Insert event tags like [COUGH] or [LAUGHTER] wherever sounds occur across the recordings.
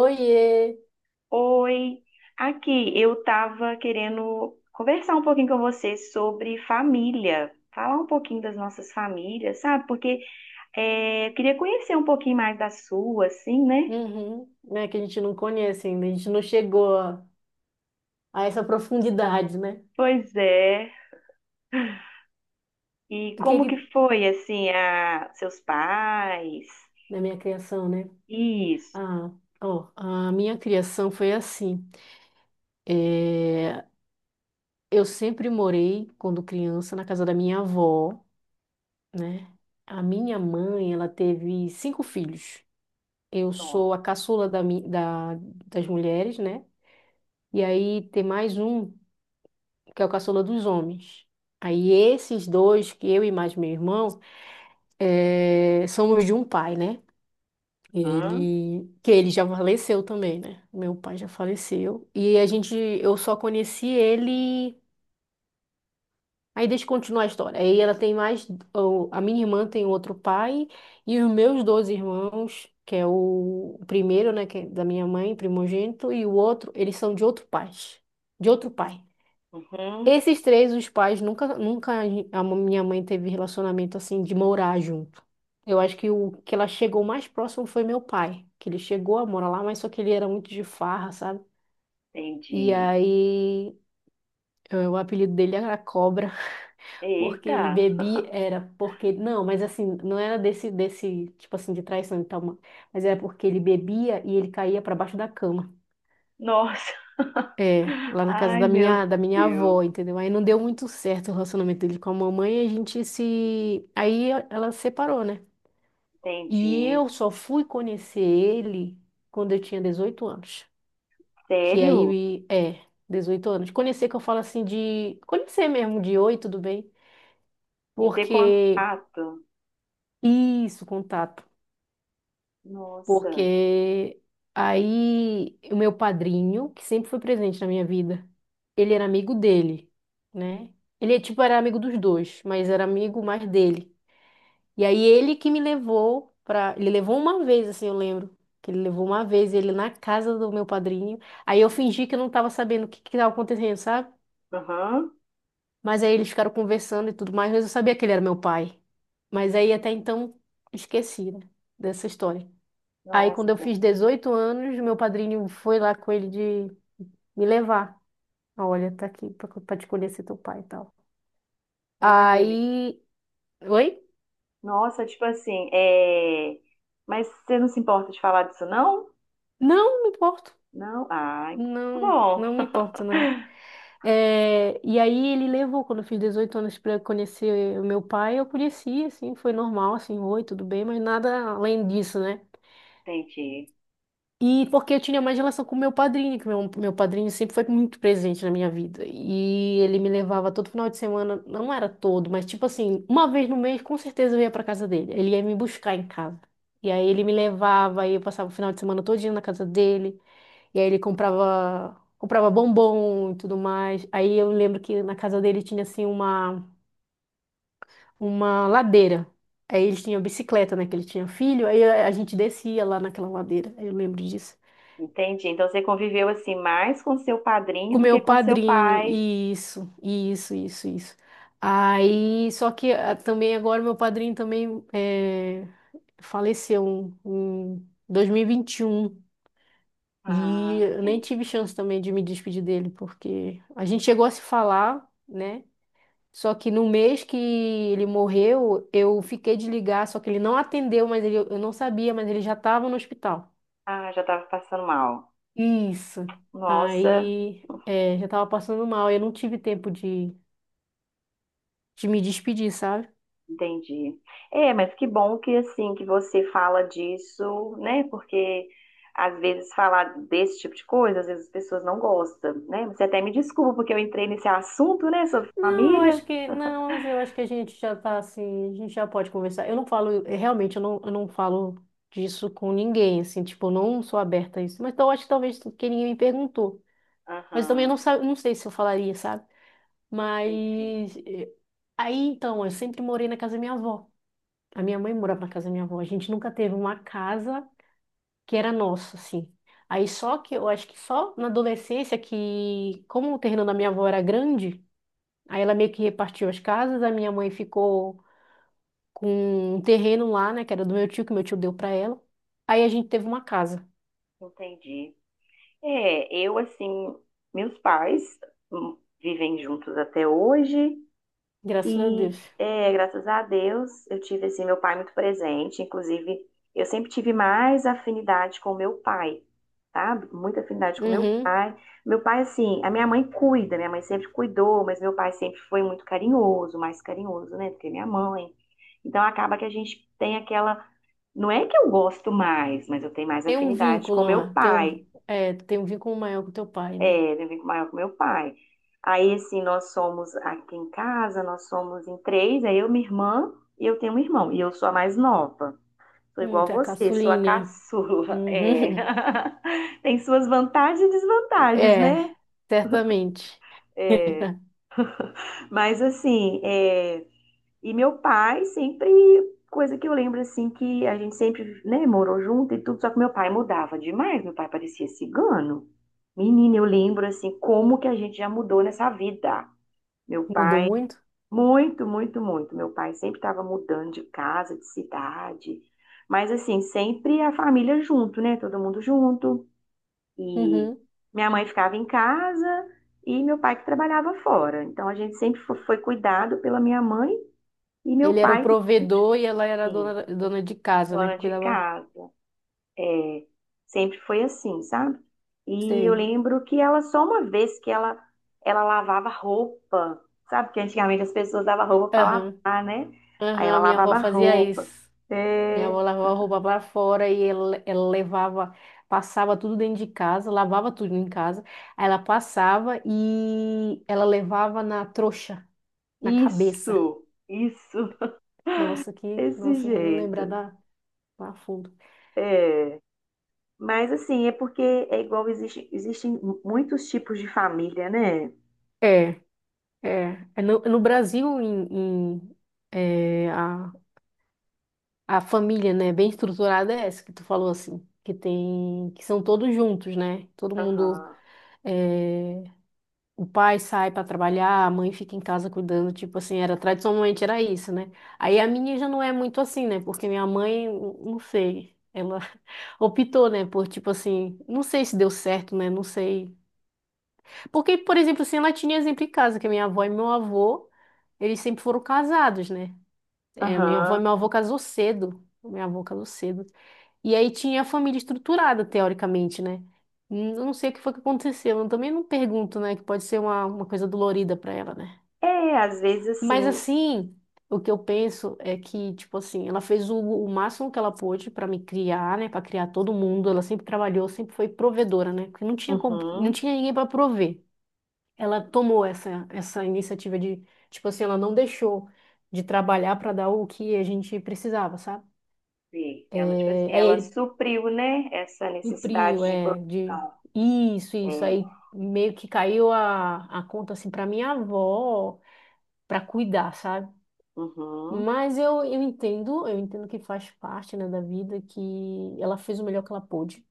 Oiê! Oi, aqui eu estava querendo conversar um pouquinho com você sobre família, falar um pouquinho das nossas famílias, sabe? Porque eu queria conhecer um pouquinho mais da sua, assim, né? Uhum. Né, que a gente não conhece ainda, a gente não chegou a essa profundidade, né? Pois é. E O que como que... que foi, assim, a seus pais? Da minha criação, né? Isso. Ah, ó, a minha criação foi assim. É, eu sempre morei, quando criança, na casa da minha avó, né? A minha mãe, ela teve cinco filhos. Eu Ó, sou a caçula das mulheres, né? E aí tem mais um, que é o caçula dos homens. Aí esses dois, que eu e mais meu irmão, é, somos de um pai, né? aham, Ele já faleceu também, né? Meu pai já faleceu. E a gente, eu só conheci ele. Aí deixa eu continuar a história. Aí ela tem mais, a minha irmã tem outro pai e os meus dois irmãos, que é o primeiro, né, que é da minha mãe, primogênito, e o outro, eles são de outro pai, de outro pai. uhum, Esses três, os pais nunca, nunca a minha mãe teve relacionamento assim de morar junto. Eu acho que o que ela chegou mais próximo foi meu pai, que ele chegou a morar lá, mas só que ele era muito de farra, sabe? E entendi. aí, o apelido dele era Cobra, [LAUGHS] porque ele Eita, bebia, era porque, não, mas assim, não era desse tipo assim, de traição e tal, mas era porque ele bebia e ele caía pra baixo da cama. nossa, É, [LAUGHS] lá na casa ai da meu minha, da minha Deus, avó, entendeu? Aí não deu muito certo o relacionamento dele com a mamãe, a gente se... Aí ela separou, né? E entendi. eu só fui conhecer ele quando eu tinha 18 anos. Que Sério? aí, é, 18 anos. Conhecer que eu falo assim de... Conhecer mesmo, de oi, tudo bem? De ter Porque... contato? Isso, contato. Nossa, Porque aí o meu padrinho, que sempre foi presente na minha vida, ele era amigo dele, né? Ele, tipo, era amigo dos dois, mas era amigo mais dele. E aí ele que me levou pra. Ele levou uma vez, assim, eu lembro. Que ele levou uma vez ele na casa do meu padrinho. Aí eu fingi que eu não tava sabendo o que que tava acontecendo, sabe? aham. Mas aí eles ficaram conversando e tudo mais, mas eu sabia que ele era meu pai. Mas aí até então esqueci, né, dessa história. Aí quando eu Nossa, fiz 18 anos, meu padrinho foi lá com ele de me levar. Olha, tá aqui pra te conhecer teu pai e tal. olha, amiga. Aí. Oi? Nossa, tipo assim, mas você não se importa de falar disso, não? Não, não me importo. Não? Ah, então tá Não, bom, não me importa, não. É, e aí ele levou, quando eu fiz 18 anos para conhecer o meu pai, eu conheci, assim, foi normal, assim, oi, tudo bem, mas nada além disso, né? entendi. E porque eu tinha mais relação com o meu padrinho, que meu padrinho sempre foi muito presente na minha vida. E ele me levava todo final de semana, não era todo, mas tipo assim, uma vez no mês, com certeza eu ia para casa dele. Ele ia me buscar em casa. E aí ele me levava, aí eu passava o final de semana todinho na casa dele. E aí ele comprava, comprava bombom e tudo mais. Aí eu lembro que na casa dele tinha assim uma ladeira. Aí eles tinham bicicleta, né? Que ele tinha filho. Aí a gente descia lá naquela ladeira. Eu lembro disso. Entendi. Então você conviveu assim mais com seu padrinho Com do que meu com seu padrinho. pai. Isso, isso, isso, isso. Aí, só que ah, também agora meu padrinho também é, faleceu em 2021. E vinte e um. E Ah, eu nem sim. tive chance também de me despedir dele, porque a gente chegou a se falar, né? Só que no mês que ele morreu, eu fiquei de ligar, só que ele não atendeu, mas ele, eu não sabia, mas ele já estava no hospital. Ah, já tava passando mal. Isso. Nossa. Aí, é, já estava passando mal, eu não tive tempo de me despedir, sabe? Entendi. É, mas que bom que assim que você fala disso, né? Porque às vezes falar desse tipo de coisa, às vezes as pessoas não gostam, né? Você até me desculpa porque eu entrei nesse assunto, né, sobre Não, eu família. acho que, não, mas eu acho que a gente já tá assim, a gente já pode conversar. Eu não falo, realmente, eu não falo disso com ninguém, assim, tipo, eu não sou aberta a isso. Mas então, eu acho que talvez porque ninguém me perguntou. Mas também eu não, Aham, sa- não sei se eu falaria, sabe? entendi. Mas aí então, eu sempre morei na casa da minha avó. A minha mãe morava na casa da minha avó. A gente nunca teve uma casa que era nossa, assim. Aí só que eu acho que só na adolescência que, como o terreno da minha avó era grande, aí ela meio que repartiu as casas, a minha mãe ficou com um terreno lá, né, que era do meu tio, que meu tio deu pra ela. Aí a gente teve uma casa, Entendi. É, eu assim, meus pais vivem juntos até hoje. graças a Deus. E é, graças a Deus, eu tive assim meu pai muito presente, inclusive eu sempre tive mais afinidade com meu pai, tá? Muita afinidade com meu Uhum. pai. Meu pai assim, a minha mãe cuida, minha mãe sempre cuidou, mas meu pai sempre foi muito carinhoso, mais carinhoso, né, do que minha mãe. Então acaba que a gente tem aquela, não é que eu gosto mais, mas eu tenho mais Tem um afinidade com vínculo meu lá, tem um, pai. é, tem um vínculo maior com teu pai, né? É, eu vivo maior com meu pai. Aí, assim, nós somos aqui em casa, nós somos em três, é eu, minha irmã e eu tenho um irmão. E eu sou a mais nova. Sou igual Tá você, sou a caçulinha. caçula. É. Uhum. [LAUGHS] Tem suas vantagens e desvantagens, É, né? certamente. [LAUGHS] Mas, assim, e meu pai sempre, coisa que eu lembro, assim, que a gente sempre, né, morou junto e tudo, só que meu pai mudava demais, meu pai parecia cigano. Menina, eu lembro, assim, como que a gente já mudou nessa vida. Meu Mudou pai muito? muito, muito, muito. Meu pai sempre estava mudando de casa, de cidade, mas assim, sempre a família junto, né? Todo mundo junto. E Uhum. minha mãe ficava em casa e meu pai que trabalhava fora. Então a gente sempre foi cuidado pela minha mãe e meu Ele era o pai que sempre, provedor e ela era a assim, dona, dona de casa, né? dona de Cuidava. casa. É, sempre foi assim, sabe? E eu Sei. lembro que ela, só uma vez que ela lavava roupa, sabe? Porque antigamente as pessoas davam roupa para Aham. lavar, né? Aí Aham, ela a minha avó lavava fazia roupa. isso. Minha É, avó lavava a roupa para fora ela levava, passava tudo dentro de casa, lavava tudo em casa. Aí ela passava e ela levava na trouxa, na cabeça. isso, Nossa, [LAUGHS] que. desse Nossa, eu não lembrar jeito. da, da fundo. É. Mas assim, é porque é igual, existe, existem muitos tipos de família, né? É. É, é no Brasil, em, é, a, a família, né, bem estruturada é essa que tu falou assim, que tem, que são todos juntos, né? Todo mundo, Aham, é, o pai sai para trabalhar, a mãe fica em casa cuidando, tipo assim, era tradicionalmente era isso, né? Aí a minha já não é muito assim, né? Porque minha mãe, não sei, ela [LAUGHS] optou, né, por tipo assim, não sei se deu certo, né? Não sei. Porque, por exemplo, assim, ela tinha exemplo em casa, que minha avó e meu avô eles sempre foram casados, né? É, minha avó, aham. meu avô casou cedo. Minha avó casou cedo. E aí tinha a família estruturada, teoricamente, né? Eu não sei o que foi que aconteceu. Eu também não pergunto, né? Que pode ser uma coisa dolorida para ela, né? É, às vezes Mas assim. assim, o que eu penso é que, tipo assim, ela fez o máximo que ela pôde para me criar, né? Para criar todo mundo. Ela sempre trabalhou, sempre foi provedora, né? Porque não tinha, não Uhum. tinha ninguém para prover. Ela tomou essa iniciativa de, tipo assim, ela não deixou de trabalhar para dar o que a gente precisava, sabe? Sim, ela, tipo É, assim, aí ela ele supriu, né, essa necessidade cumpriu, de é, de produção. isso, É, isso. Aí meio que caiu a conta, assim, para minha avó, para cuidar, sabe? uhum, Mas eu entendo que faz parte, né, da vida, que ela fez o melhor que ela pôde,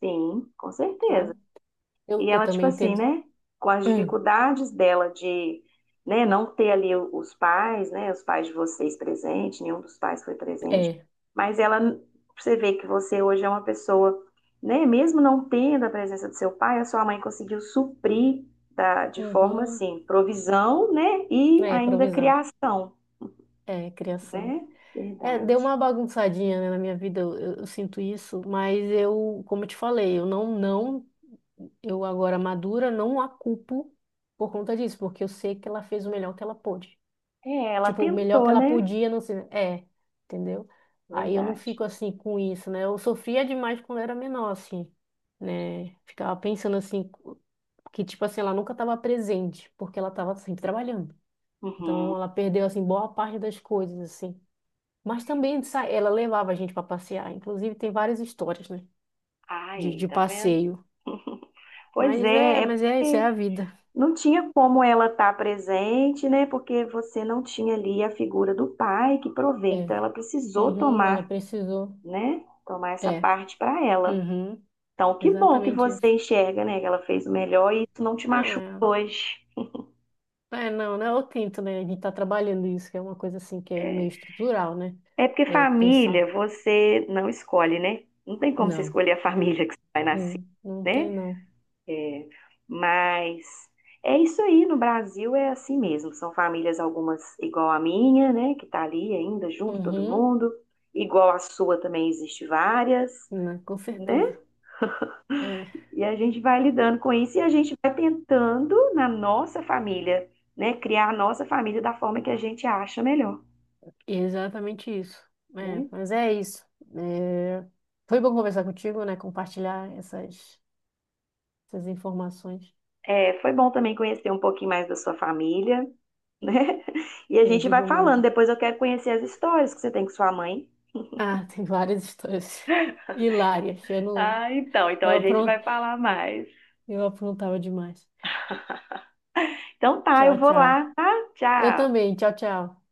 sim, com certeza. sabe? E Eu ela, tipo também assim, entendo. né, com as Hum, dificuldades dela de, né, não ter ali os pais, né, os pais de vocês presentes, nenhum dos pais foi presente, é. mas ela, você vê que você hoje é uma pessoa, né, mesmo não tendo a presença do seu pai, a sua mãe conseguiu suprir da, de forma, Uhum. assim, provisão, né, e É, ainda provisão. criação. É, criação. Né? É, deu Verdade. uma bagunçadinha, né, na minha vida, eu sinto isso, mas eu, como eu te falei, eu não, não eu agora, madura, não a culpo por conta disso, porque eu sei que ela fez o melhor que ela pôde. É, ela Tipo, o melhor que tentou, ela né? podia, não sei. É, entendeu? Aí eu não Verdade. fico assim com isso, né? Eu sofria demais quando era menor, assim, né? Ficava pensando assim, que tipo assim, ela nunca estava presente, porque ela estava sempre trabalhando. Uhum. Então ela perdeu, assim, boa parte das coisas, assim. Mas também ela levava a gente para passear. Inclusive, tem várias histórias, né? Aí, De tá vendo? passeio. Pois é, é Mas é isso, é porque a vida. não tinha como ela estar presente, né? Porque você não tinha ali a figura do pai que provê. É. Então, ela precisou Uhum, ela tomar, precisou. né? Tomar essa É, parte para ela. uhum, Então, que bom que exatamente você isso. enxerga, né? Que ela fez o melhor e isso não te Não, machuca é, hoje. é, não, não é o tinto, né? A gente tá trabalhando isso, que é uma coisa assim que é É, meio estrutural, né? é porque É pensar, família você não escolhe, né? Não tem como você não, escolher a família que você vai nascer, não tem né? não. É, mas é isso aí, no Brasil é assim mesmo. São famílias, algumas igual a minha, né, que tá ali ainda junto todo Uhum, mundo, igual a sua também existe várias, né, com né? certeza. É, E a gente vai lidando com isso e a gente vai tentando na nossa família, né, criar a nossa família da forma que a gente acha melhor, exatamente isso. É, né? mas é isso. É, foi bom conversar contigo, né? Compartilhar essas, essas informações. É, foi bom também conhecer um pouquinho mais da sua família, né? [LAUGHS] E a Eu gente vai digo falando. mesmo. Depois eu quero conhecer as histórias que você tem com sua mãe. Ah, [LAUGHS] tem várias histórias [LAUGHS] hilárias. Eu não, Ah, então, então eu a gente vai falar mais. eu aprontava demais. Então tá, eu Tchau, vou tchau. lá, tá? Eu Tchau. também. Tchau, tchau.